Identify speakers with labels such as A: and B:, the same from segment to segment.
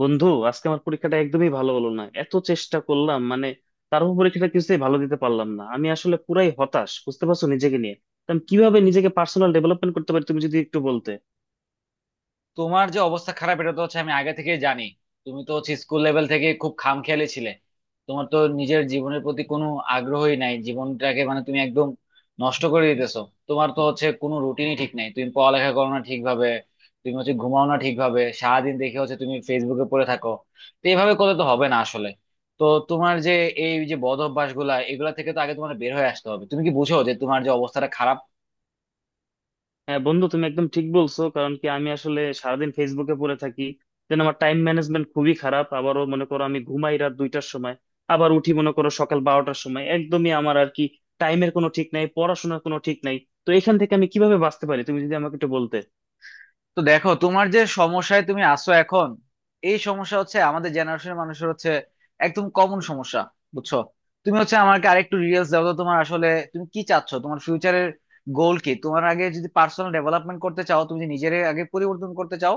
A: বন্ধু, আজকে আমার পরীক্ষাটা একদমই ভালো হলো না। এত চেষ্টা করলাম, মানে তারপর পরীক্ষাটা কিছুতেই ভালো দিতে পারলাম না। আমি আসলে পুরাই হতাশ, বুঝতে পারছো, নিজেকে নিয়ে। তো আমি কিভাবে নিজেকে পার্সোনাল ডেভেলপমেন্ট করতে পারি, তুমি যদি একটু বলতে।
B: তোমার যে অবস্থা খারাপ এটা তো হচ্ছে আমি আগে থেকেই জানি। তুমি তো হচ্ছে স্কুল লেভেল থেকে খুব খামখেয়ালি ছিলে। তোমার তো নিজের জীবনের প্রতি কোনো আগ্রহই নাই, জীবনটাকে মানে তুমি একদম নষ্ট করে দিতেছো। তোমার তো হচ্ছে কোনো রুটিনই ঠিক নাই, তুমি পড়ালেখা করো না ঠিকভাবে, তুমি হচ্ছে ঘুমাও না ঠিকভাবে, সারাদিন দেখে হচ্ছে তুমি ফেসবুকে পড়ে থাকো। তো এইভাবে করলে তো হবে না আসলে। তো তোমার যে, এই যে বদ অভ্যাস গুলা, এগুলা থেকে তো আগে তোমার বের হয়ে আসতে হবে। তুমি কি বুঝো যে তোমার যে অবস্থাটা খারাপ?
A: হ্যাঁ বন্ধু, তুমি একদম ঠিক বলছো। কারণ কি আমি আসলে সারাদিন ফেসবুকে পড়ে থাকি, যেন আমার টাইম ম্যানেজমেন্ট খুবই খারাপ। আবারও মনে করো, আমি ঘুমাই রাত 2টার সময়, আবার উঠি মনে করো সকাল 12টার সময়। একদমই আমার আর কি টাইমের কোনো ঠিক নাই, পড়াশোনার কোনো ঠিক নাই। তো এখান থেকে আমি কিভাবে বাঁচতে পারি, তুমি যদি আমাকে একটু বলতে।
B: তো দেখো, তোমার যে সমস্যায় তুমি আছো এখন, এই সমস্যা হচ্ছে আমাদের জেনারেশনের মানুষের হচ্ছে একদম কমন সমস্যা। বুঝছো? তুমি হচ্ছে আমাকে আরেকটু ডিটেলস দাও তো, তোমার আসলে, তুমি কি চাচ্ছ, তোমার ফিউচারের গোল কি? তোমার আগে যদি পার্সোনাল ডেভেলপমেন্ট করতে চাও, তুমি যদি নিজের আগে পরিবর্তন করতে চাও,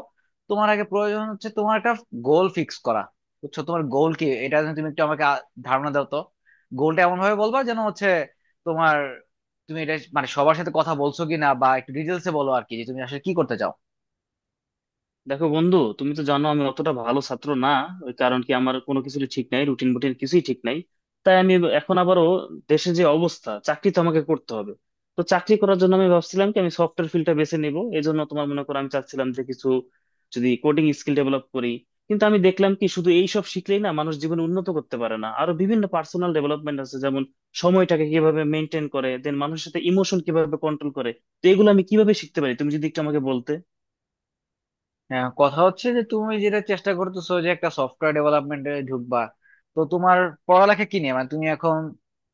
B: তোমার আগে প্রয়োজন হচ্ছে তোমার একটা গোল ফিক্স করা। বুঝছো? তোমার গোল কি, এটা যেন তুমি একটু আমাকে ধারণা দাও তো। গোলটা এমন ভাবে বলবা যেন হচ্ছে তোমার, তুমি এটা মানে সবার সাথে কথা বলছো কি না, বা একটু ডিটেলসে বলো আর কি, যে তুমি আসলে কি করতে চাও।
A: দেখো বন্ধু, তুমি তো জানো আমি অতটা ভালো ছাত্র না। ওই কারণ কি আমার কোনো কিছু ঠিক নাই, রুটিন বুটিন কিছুই ঠিক নাই। তাই আমি এখন আবারও দেশের যে অবস্থা, চাকরি তো আমাকে করতে হবে। তো চাকরি করার জন্য আমি ভাবছিলাম কি আমি সফটওয়্যার ফিল্ডটা বেছে নিব, এই জন্য তোমার মনে করো আমি চাচ্ছিলাম যে কিছু যদি কোডিং স্কিল ডেভেলপ করি। কিন্তু আমি দেখলাম কি শুধু এইসব শিখলেই না মানুষ জীবনে উন্নত করতে পারে না, আরো বিভিন্ন পার্সোনাল ডেভেলপমেন্ট আছে, যেমন সময়টাকে কিভাবে মেনটেন করে, দেন মানুষের সাথে ইমোশন কিভাবে কন্ট্রোল করে। তো এগুলো আমি কিভাবে শিখতে পারি, তুমি যদি একটু আমাকে বলতে।
B: হ্যাঁ, কথা হচ্ছে যে তুমি যেটা চেষ্টা করতেছো যে একটা সফটওয়্যার ডেভেলপমেন্টে ঢুকবা, তো তোমার পড়ালেখা কি নিয়ে, মানে তুমি এখন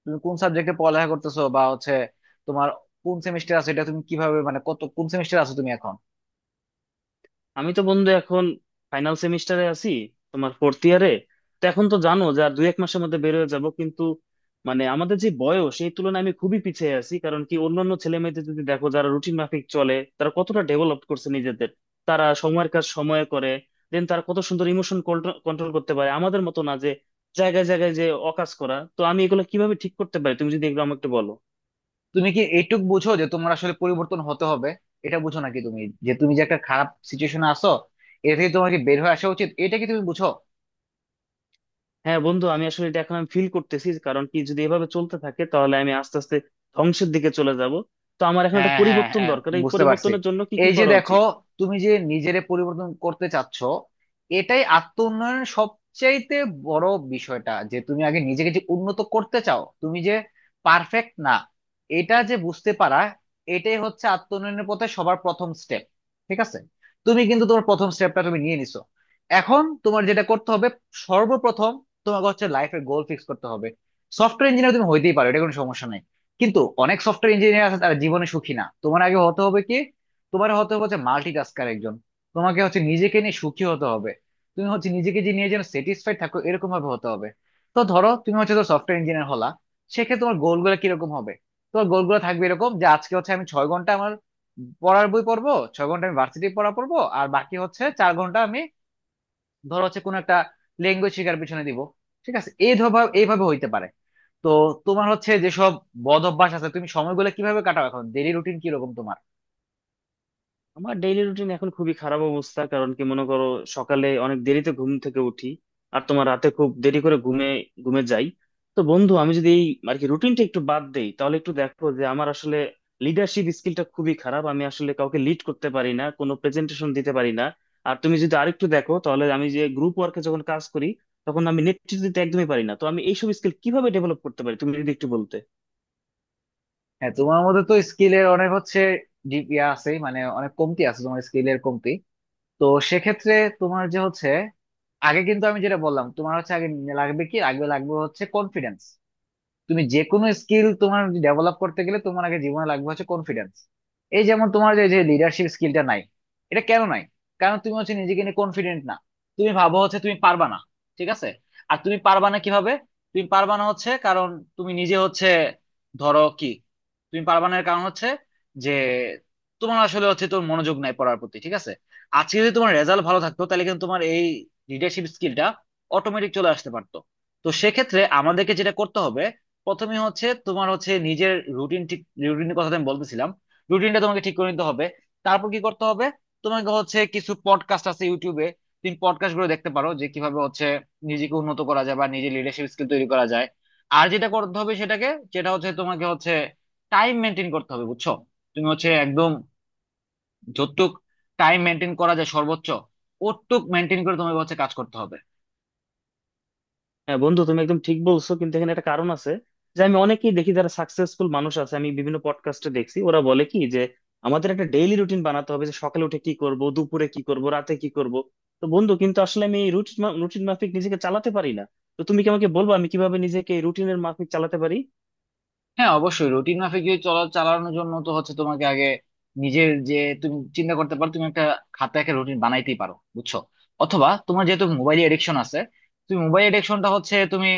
B: তুমি কোন সাবজেক্টে পড়ালেখা করতেছো, বা হচ্ছে তোমার কোন সেমিস্টার আছে, এটা তুমি কিভাবে, মানে কত কোন সেমিস্টার আছো তুমি এখন?
A: আমি তো বন্ধু এখন ফাইনাল সেমিস্টারে আছি, তোমার ফোর্থ ইয়ারে। তো এখন তো জানো যে আর দুই এক মাসের মধ্যে বের হয়ে যাব, কিন্তু মানে আমাদের যে বয়স সেই তুলনায় আমি খুবই পিছিয়ে আছি। কারণ কি অন্যান্য ছেলে মেয়েদের যদি দেখো যারা রুটিন মাফিক চলে, তারা কতটা ডেভেলপ করছে নিজেদের। তারা সময়ের কাজ সময়ে করে, দেন তারা কত সুন্দর ইমোশন কন্ট্রোল করতে পারে, আমাদের মতো না যে জায়গায় জায়গায় যে অকাজ করা। তো আমি এগুলো কিভাবে ঠিক করতে পারি, তুমি যদি এগুলো আমাকে একটু বলো।
B: তুমি কি এইটুক বুঝো যে তোমার আসলে পরিবর্তন হতে হবে, এটা বুঝো নাকি তুমি? যে তুমি যে একটা খারাপ সিচুয়েশনে আছো, এটা থেকে তোমাকে বের হয়ে আসা উচিত, এটা কি তুমি বুঝো?
A: হ্যাঁ বন্ধু, আমি আসলে এটা এখন ফিল করতেছি, কারণ কি যদি এভাবে চলতে থাকে তাহলে আমি আস্তে আস্তে ধ্বংসের দিকে চলে যাব। তো আমার এখন
B: হ্যাঁ,
A: একটা
B: হ্যাঁ,
A: পরিবর্তন
B: হ্যাঁ,
A: দরকার, এই
B: বুঝতে পারছি।
A: পরিবর্তনের জন্য কি কি
B: এই যে
A: করা
B: দেখো,
A: উচিত?
B: তুমি যে নিজেরে পরিবর্তন করতে চাচ্ছ, এটাই আত্ম উন্নয়নের সবচাইতে বড় বিষয়টা, যে তুমি আগে নিজেকে যে উন্নত করতে চাও, তুমি যে পারফেক্ট না এটা যে বুঝতে পারা, এটাই হচ্ছে আত্ম উন্নয়নের পথে সবার প্রথম স্টেপ। ঠিক আছে? তুমি কিন্তু তোমার প্রথম স্টেপটা তুমি নিয়ে নিছো। এখন তোমার যেটা করতে হবে, সর্বপ্রথম তোমাকে হচ্ছে লাইফের গোল ফিক্স করতে হবে। সফটওয়্যার ইঞ্জিনিয়ার তুমি হইতেই পারো, এটা কোনো সমস্যা নাই, কিন্তু অনেক সফটওয়্যার ইঞ্জিনিয়ার আছে তারা জীবনে সুখী না। তোমার আগে হতে হবে কি, তোমার হতে হবে হচ্ছে মাল্টিটাস্কার একজন। তোমাকে হচ্ছে নিজেকে নিয়ে সুখী হতে হবে, তুমি হচ্ছে নিজেকে যে নিয়ে যেন স্যাটিসফাইড থাকো এরকম ভাবে হতে হবে। তো ধরো তুমি হচ্ছে, ধরো সফটওয়্যার ইঞ্জিনিয়ার হলা, সেক্ষেত্রে তোমার গোলগুলো কিরকম হবে? তোমার গোলগুলো থাকবে এরকম যে, আজকে হচ্ছে আমি ছয় ঘন্টা আমার পড়ার বই পড়বো, ছয় ঘন্টা আমি ভার্সিটি পড়া পড়বো, আর বাকি হচ্ছে চার ঘন্টা আমি ধরো হচ্ছে কোন একটা ল্যাঙ্গুয়েজ শেখার পিছনে দিব। ঠিক আছে, এই এইভাবে হইতে পারে। তো তোমার হচ্ছে যেসব বদ অভ্যাস আছে, তুমি সময়গুলো কিভাবে কাটাও এখন, ডেইলি রুটিন কিরকম তোমার?
A: আমার ডেইলি রুটিন এখন খুবই খারাপ অবস্থা, কারণ কি মনে করো সকালে অনেক দেরিতে ঘুম থেকে উঠি, আর তোমার রাতে খুব দেরি করে ঘুমে ঘুমে যাই। তো বন্ধু আমি যদি এই আর কি রুটিনটা একটু বাদ দেই, তাহলে একটু দেখো যে আমার আসলে লিডারশিপ স্কিলটা খুবই খারাপ। আমি আসলে কাউকে লিড করতে পারি না, কোনো প্রেজেন্টেশন দিতে পারি না। আর তুমি যদি আরেকটু দেখো তাহলে আমি যে গ্রুপ ওয়ার্কে যখন কাজ করি, তখন আমি নেতৃত্ব দিতে একদমই পারি না। তো আমি এইসব স্কিল কিভাবে ডেভেলপ করতে পারি, তুমি যদি একটু বলতে।
B: হ্যাঁ, তোমার মধ্যে তো স্কিলের অনেক হচ্ছে ডিপ ইয়া আছে, মানে অনেক কমতি আছে তোমার স্কিলের কমতি। তো সেক্ষেত্রে তোমার যে হচ্ছে আগে, কিন্তু আমি যেটা বললাম, তোমার হচ্ছে আগে লাগবে কি, আগে লাগবে হচ্ছে কনফিডেন্স। তুমি যে কোনো স্কিল তোমার ডেভেলপ করতে গেলে তোমার আগে জীবনে লাগবে হচ্ছে কনফিডেন্স। এই যেমন তোমার যে লিডারশিপ স্কিলটা নাই, এটা কেন নাই? কারণ তুমি হচ্ছে নিজেকে নিয়ে কনফিডেন্ট না। তুমি ভাবো হচ্ছে তুমি পারবা না। ঠিক আছে? আর তুমি পারবা না কিভাবে? তুমি পারবা না হচ্ছে কারণ তুমি নিজে হচ্ছে ধরো কি, তুমি পারবা না এর কারণ হচ্ছে যে, তোমার আসলে হচ্ছে তোর মনোযোগ নাই পড়ার প্রতি। ঠিক আছে? আজকে যদি তোমার রেজাল্ট ভালো থাকতো তাহলে কিন্তু তোমার এই লিডারশিপ স্কিলটা অটোমেটিক চলে আসতে পারতো। তো সেক্ষেত্রে আমাদেরকে যেটা করতে হবে, প্রথমে হচ্ছে তোমার হচ্ছে নিজের রুটিন ঠিক, রুটিনের কথা তো আমি বলতেছিলাম, রুটিনটা তোমাকে ঠিক করে নিতে হবে। তারপর কি করতে হবে, তোমাকে হচ্ছে কিছু পডকাস্ট আছে ইউটিউবে, তুমি পডকাস্ট গুলো দেখতে পারো, যে কিভাবে হচ্ছে নিজেকে উন্নত করা যায় বা নিজের লিডারশিপ স্কিল তৈরি করা যায়। আর যেটা করতে হবে সেটাকে, যেটা হচ্ছে তোমাকে হচ্ছে টাইম মেনটেন করতে হবে। বুঝছো? তুমি হচ্ছে একদম যতটুক টাইম মেনটেন করা যায় সর্বোচ্চ, ওটুক মেনটেন করে তোমাকে হচ্ছে কাজ করতে হবে।
A: হ্যাঁ বন্ধু, তুমি একদম ঠিক বলছো, কিন্তু এখানে একটা কারণ আছে যে আমি অনেকেই দেখি যারা সাকসেসফুল মানুষ আছে। আমি বিভিন্ন পডকাস্টে দেখছি ওরা বলে কি যে আমাদের একটা ডেইলি রুটিন বানাতে হবে, যে সকালে উঠে কি করব, দুপুরে কি করব, রাতে কি করব। তো বন্ধু কিন্তু আসলে আমি এই রুটিন রুটিন মাফিক নিজেকে চালাতে পারি না। তো তুমি কি আমাকে বলবো আমি কিভাবে নিজেকে রুটিনের মাফিক চালাতে পারি?
B: হ্যাঁ, অবশ্যই রুটিন মাফিক যদি চলা, চালানোর জন্য তো হচ্ছে তোমাকে আগে নিজের যে, তুমি চিন্তা করতে পারো, তুমি একটা খাতা, একটা রুটিন বানাইতেই পারো। বুঝছো? অথবা তোমার যেহেতু মোবাইল এডিকশন আছে, তুমি মোবাইল এডিকশনটা হচ্ছে তুমি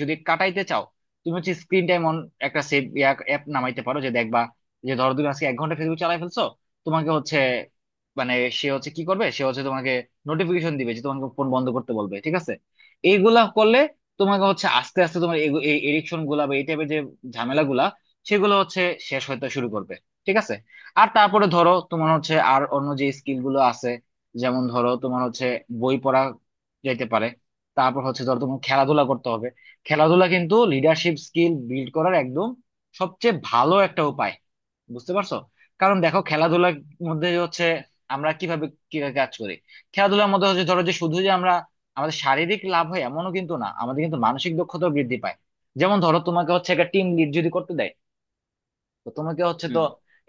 B: যদি কাটাইতে চাও, তুমি হচ্ছে স্ক্রিন টাইম অন একটা সেভ অ্যাপ নামাইতে পারো, যে দেখবা যে ধরো তুমি আজকে এক ঘন্টা ফেসবুক চালাই ফেলছো, তোমাকে হচ্ছে মানে সে হচ্ছে কি করবে, সে হচ্ছে তোমাকে নোটিফিকেশন দিবে, যে তোমাকে ফোন বন্ধ করতে বলবে। ঠিক আছে? এইগুলা করলে তোমাকে হচ্ছে আস্তে আস্তে তোমার এই এডিকশন গুলা, ঝামেলাগুলা সেগুলো হচ্ছে শেষ হতে শুরু করবে। ঠিক আছে? আর তারপরে ধরো তোমার হচ্ছে আর অন্য যে স্কিল গুলো আছে, যেমন ধরো তোমার হচ্ছে বই পড়া যেতে পারে, তারপর হচ্ছে ধরো তোমার খেলাধুলা করতে হবে। খেলাধুলা কিন্তু লিডারশিপ স্কিল বিল্ড করার একদম সবচেয়ে ভালো একটা উপায়। বুঝতে পারছো? কারণ দেখো, খেলাধুলার মধ্যে হচ্ছে আমরা কিভাবে কি কাজ করি, খেলাধুলার মধ্যে হচ্ছে ধরো যে, শুধু যে আমরা আমাদের শারীরিক লাভ হয় এমনও কিন্তু না, আমাদের কিন্তু মানসিক দক্ষতাও বৃদ্ধি পায়। যেমন ধরো, তোমাকে হচ্ছে একটা টিম লিড যদি করতে দেয়, তো তোমাকে হচ্ছে তো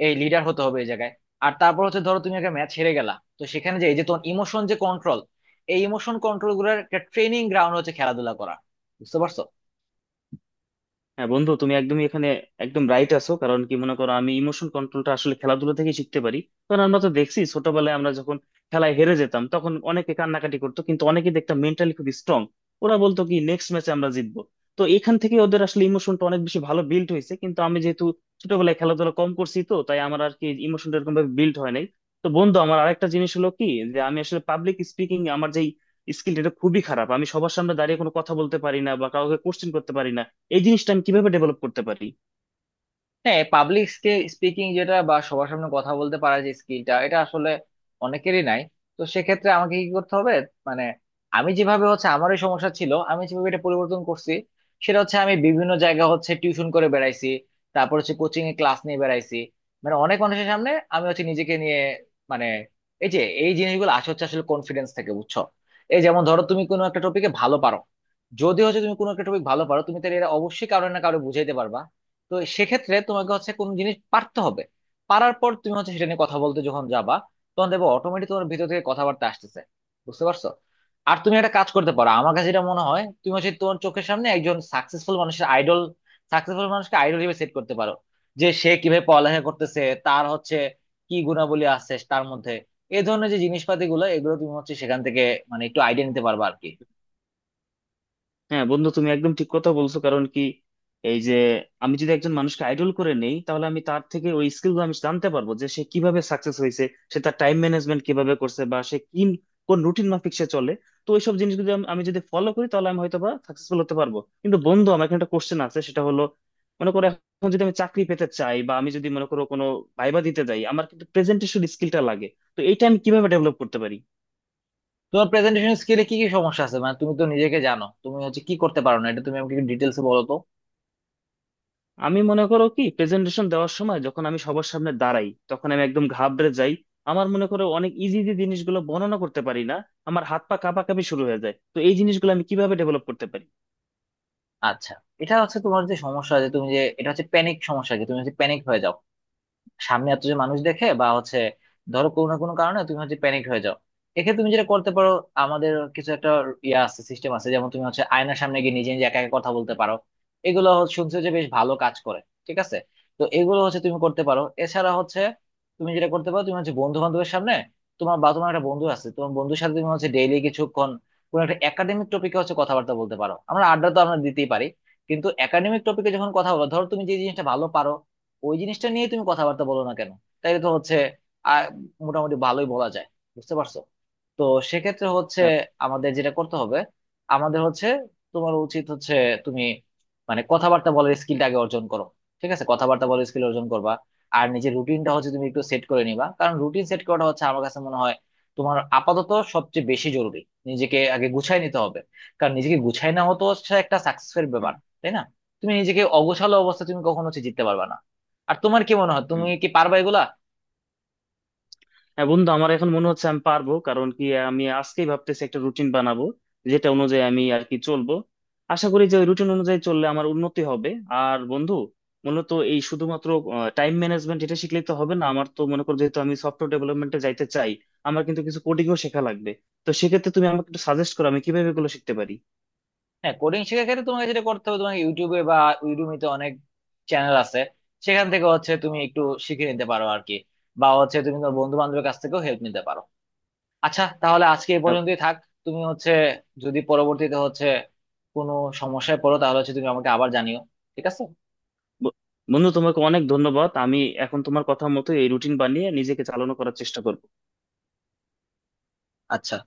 B: এই লিডার হতে হবে এই জায়গায়। আর তারপর হচ্ছে ধরো তুমি একটা ম্যাচ হেরে গেলা, তো সেখানে যে এই যে তোমার ইমোশন যে কন্ট্রোল, এই ইমোশন কন্ট্রোল গুলোর একটা ট্রেনিং গ্রাউন্ড হচ্ছে খেলাধুলা করা। বুঝতে পারছো?
A: হ্যাঁ বন্ধু, তুমি একদমই এখানে একদম রাইট আছো। কারণ কি মনে করো আমি ইমোশন কন্ট্রোলটা আসলে খেলাধুলা থেকে শিখতে পারি, কারণ আমরা তো দেখছি ছোটবেলায় আমরা যখন খেলায় হেরে যেতাম তখন অনেকে কান্নাকাটি করতো, কিন্তু অনেকে দেখতাম মেন্টালি খুব স্ট্রং। ওরা বলতো কি নেক্সট ম্যাচে আমরা জিতবো। তো এখান থেকে ওদের আসলে ইমোশনটা অনেক বেশি ভালো বিল্ড হয়েছে, কিন্তু আমি যেহেতু ছোটবেলায় খেলাধুলা কম করছি তো তাই আমার আর কি ইমোশনটা এরকম ভাবে বিল্ড হয় নাই। তো বন্ধু আমার আরেকটা জিনিস হলো কি, যে আমি আসলে পাবলিক স্পিকিং আমার যেই স্কিল এটা খুবই খারাপ। আমি সবার সামনে দাঁড়িয়ে কোনো কথা বলতে পারি না, বা কাউকে কোশ্চেন করতে পারি না। এই জিনিসটা আমি কিভাবে ডেভেলপ করতে পারি?
B: হ্যাঁ, পাবলিক স্পিকিং যেটা, বা সবার সামনে কথা বলতে পারার যে স্কিলটা, এটা আসলে অনেকেরই নাই। তো সেক্ষেত্রে আমাকে কি করতে হবে, মানে আমি যেভাবে হচ্ছে, আমার এই সমস্যা ছিল, আমি যেভাবে এটা পরিবর্তন করছি সেটা হচ্ছে, আমি বিভিন্ন জায়গা হচ্ছে টিউশন করে বেড়াইছি, তারপর হচ্ছে কোচিং এ ক্লাস নিয়ে বেড়াইছি, মানে অনেক মানুষের সামনে আমি হচ্ছে নিজেকে নিয়ে, মানে, এই যে এই জিনিসগুলো আসে হচ্ছে আসলে কনফিডেন্স থেকে। বুঝছো? এই যেমন ধরো, তুমি কোনো একটা টপিকে ভালো পারো, যদি হচ্ছে তুমি কোনো একটা টপিক ভালো পারো, তুমি তাহলে এটা অবশ্যই কারো না কারো বুঝাইতে পারবা। তো সেক্ষেত্রে তোমাকে হচ্ছে কোন জিনিস পারতে হবে, পারার পর তুমি হচ্ছে সেটা নিয়ে কথা বলতে যখন যাবা, তখন দেখবো অটোমেটিক তোমার ভিতর থেকে কথাবার্তা আসতেছে। বুঝতে পারছো? আর তুমি একটা কাজ করতে পারো, আমার কাছে যেটা মনে হয়, তুমি হচ্ছে তোমার চোখের সামনে একজন সাকসেসফুল মানুষের আইডল, সাকসেসফুল মানুষকে আইডল হিসেবে সেট করতে পারো, যে সে কিভাবে পড়ালেখা করতেছে, তার হচ্ছে কি গুণাবলী আছে তার মধ্যে, এই ধরনের যে জিনিসপাতি গুলো, এগুলো তুমি হচ্ছে সেখান থেকে মানে একটু আইডিয়া নিতে পারবা আর কি।
A: হ্যাঁ বন্ধু, তুমি একদম ঠিক কথা বলছো। কারণ কি এই যে আমি যদি একজন মানুষকে আইডল করে নেই, তাহলে আমি তার থেকে ওই স্কিল গুলো আমি জানতে পারবো, যে সে কিভাবে সাকসেস হয়েছে, সে তার টাইম ম্যানেজমেন্ট কিভাবে করছে, বা সে কি কোন রুটিন মাফিক সে চলে। তো ওইসব জিনিস যদি আমি আমি যদি ফলো করি তাহলে আমি হয়তো বা সাকসেসফুল হতে পারবো। কিন্তু বন্ধু আমার এখানে একটা কোশ্চেন আছে সেটা হলো, মনে করো এখন যদি আমি চাকরি পেতে চাই, বা আমি যদি মনে করো কোনো ভাইবা দিতে যাই, আমার কিন্তু প্রেজেন্টেশন স্কিলটা লাগে। তো এইটা আমি কিভাবে ডেভেলপ করতে পারি?
B: তোমার প্রেজেন্টেশন স্কিলে কি কি সমস্যা আছে, মানে তুমি তো নিজেকে জানো, তুমি হচ্ছে কি করতে পারো না, এটা তুমি আমাকে ডিটেলস বলো তো।
A: আমি মনে করো কি প্রেজেন্টেশন দেওয়ার সময় যখন আমি সবার সামনে দাঁড়াই তখন আমি একদম ঘাবড়ে যাই। আমার মনে করো অনেক ইজি ইজি জিনিসগুলো বর্ণনা করতে পারি না, আমার হাত পা কাঁপাকাঁপি শুরু হয়ে যায়। তো এই জিনিসগুলো আমি কিভাবে ডেভেলপ করতে পারি?
B: আচ্ছা, এটা হচ্ছে তোমার যে সমস্যা, যে তুমি যে এটা হচ্ছে প্যানিক সমস্যা, কি তুমি হচ্ছে প্যানিক হয়ে যাও সামনে এত যে মানুষ দেখে, বা হচ্ছে ধরো কোনো না কোনো কারণে তুমি হচ্ছে প্যানিক হয়ে যাও। এক্ষেত্রে তুমি যেটা করতে পারো, আমাদের কিছু একটা ইয়ে আছে, সিস্টেম আছে, যেমন তুমি হচ্ছে আয়নার সামনে গিয়ে নিজে নিজে একা একা কথা বলতে পারো, এগুলো হচ্ছে- শুনছো যে বেশ ভালো কাজ করে। ঠিক আছে? তো এগুলো হচ্ছে তুমি করতে পারো, এছাড়া হচ্ছে তুমি যেটা করতে পারো, তুমি হচ্ছে বন্ধু বান্ধবের সামনে, তোমার বা তোমার একটা বন্ধু আছে, তোমার বন্ধুর সাথে তুমি হচ্ছে ডেইলি কিছুক্ষণ কোনো একটা একাডেমিক টপিকে হচ্ছে কথাবার্তা বলতে পারো। আমরা আড্ডা তো আমরা দিতেই পারি, কিন্তু একাডেমিক টপিকে যখন কথা বলো, ধরো তুমি যে জিনিসটা ভালো পারো, ওই জিনিসটা নিয়ে তুমি কথাবার্তা বলো না কেন, তাইলে তো হচ্ছে আহ, মোটামুটি ভালোই বলা যায়। বুঝতে পারছো? তো সেক্ষেত্রে হচ্ছে
A: হ্যাঁ।
B: আমাদের যেটা করতে হবে, আমাদের হচ্ছে তোমার উচিত হচ্ছে তুমি মানে কথাবার্তা বলার স্কিলটা আগে অর্জন করো। ঠিক আছে, কথাবার্তা বলার স্কিল অর্জন করবা, আর নিজের রুটিনটা হচ্ছে তুমি একটু সেট করে নিবা, কারণ রুটিন সেট করাটা হচ্ছে আমার কাছে মনে হয় তোমার আপাতত সবচেয়ে বেশি জরুরি। নিজেকে আগে গুছাই নিতে হবে, কারণ নিজেকে গুছাই না হতো হচ্ছে একটা সাকসেসের ব্যাপার,
A: হুম,
B: তাই না? তুমি নিজেকে অগোছালো অবস্থা, তুমি কখনো হচ্ছে জিততে পারবে না। আর তোমার কি মনে হয়, তুমি
A: হুম।
B: কি পারবা এগুলা?
A: হ্যাঁ বন্ধু, আমার এখন মনে হচ্ছে আমি পারবো, কারণ কি আমি আজকেই ভাবতেছি একটা রুটিন বানাবো যেটা অনুযায়ী আমি আর কি চলবো। আশা করি যে ওই রুটিন অনুযায়ী চললে আমার উন্নতি হবে। আর বন্ধু, মূলত এই শুধুমাত্র টাইম ম্যানেজমেন্ট এটা শিখলেই তো হবে না, আমার তো মনে করো যেহেতু আমি সফটওয়্যার ডেভেলপমেন্টে যাইতে চাই, আমার কিন্তু কিছু কোডিংও শেখা লাগবে। তো সেক্ষেত্রে তুমি আমাকে একটু সাজেস্ট করো আমি কিভাবে এগুলো শিখতে পারি।
B: হ্যাঁ, কোডিং শেখার ক্ষেত্রে তোমাকে যেটা করতে হবে, তোমাকে ইউটিউবে বা ইউডুমিতে অনেক চ্যানেল আছে, সেখান থেকে হচ্ছে তুমি একটু শিখে নিতে পারো আর কি, বা হচ্ছে তুমি তোমার বন্ধু বান্ধবের কাছ থেকেও হেল্প নিতে পারো। আচ্ছা, তাহলে আজকে এই
A: আহ,
B: পর্যন্তই থাক। তুমি হচ্ছে যদি পরবর্তীতে হচ্ছে কোনো সমস্যায় পড়ো, তাহলে হচ্ছে তুমি আমাকে আবার জানিও। ঠিক আছে?
A: ব- বন্ধু তোমাকে অনেক ধন্যবাদ, আমি এখন তোমার কথা মতো এই রুটিন বানিয়ে নিজেকে চালানো করার চেষ্টা করবো।
B: আচ্ছা।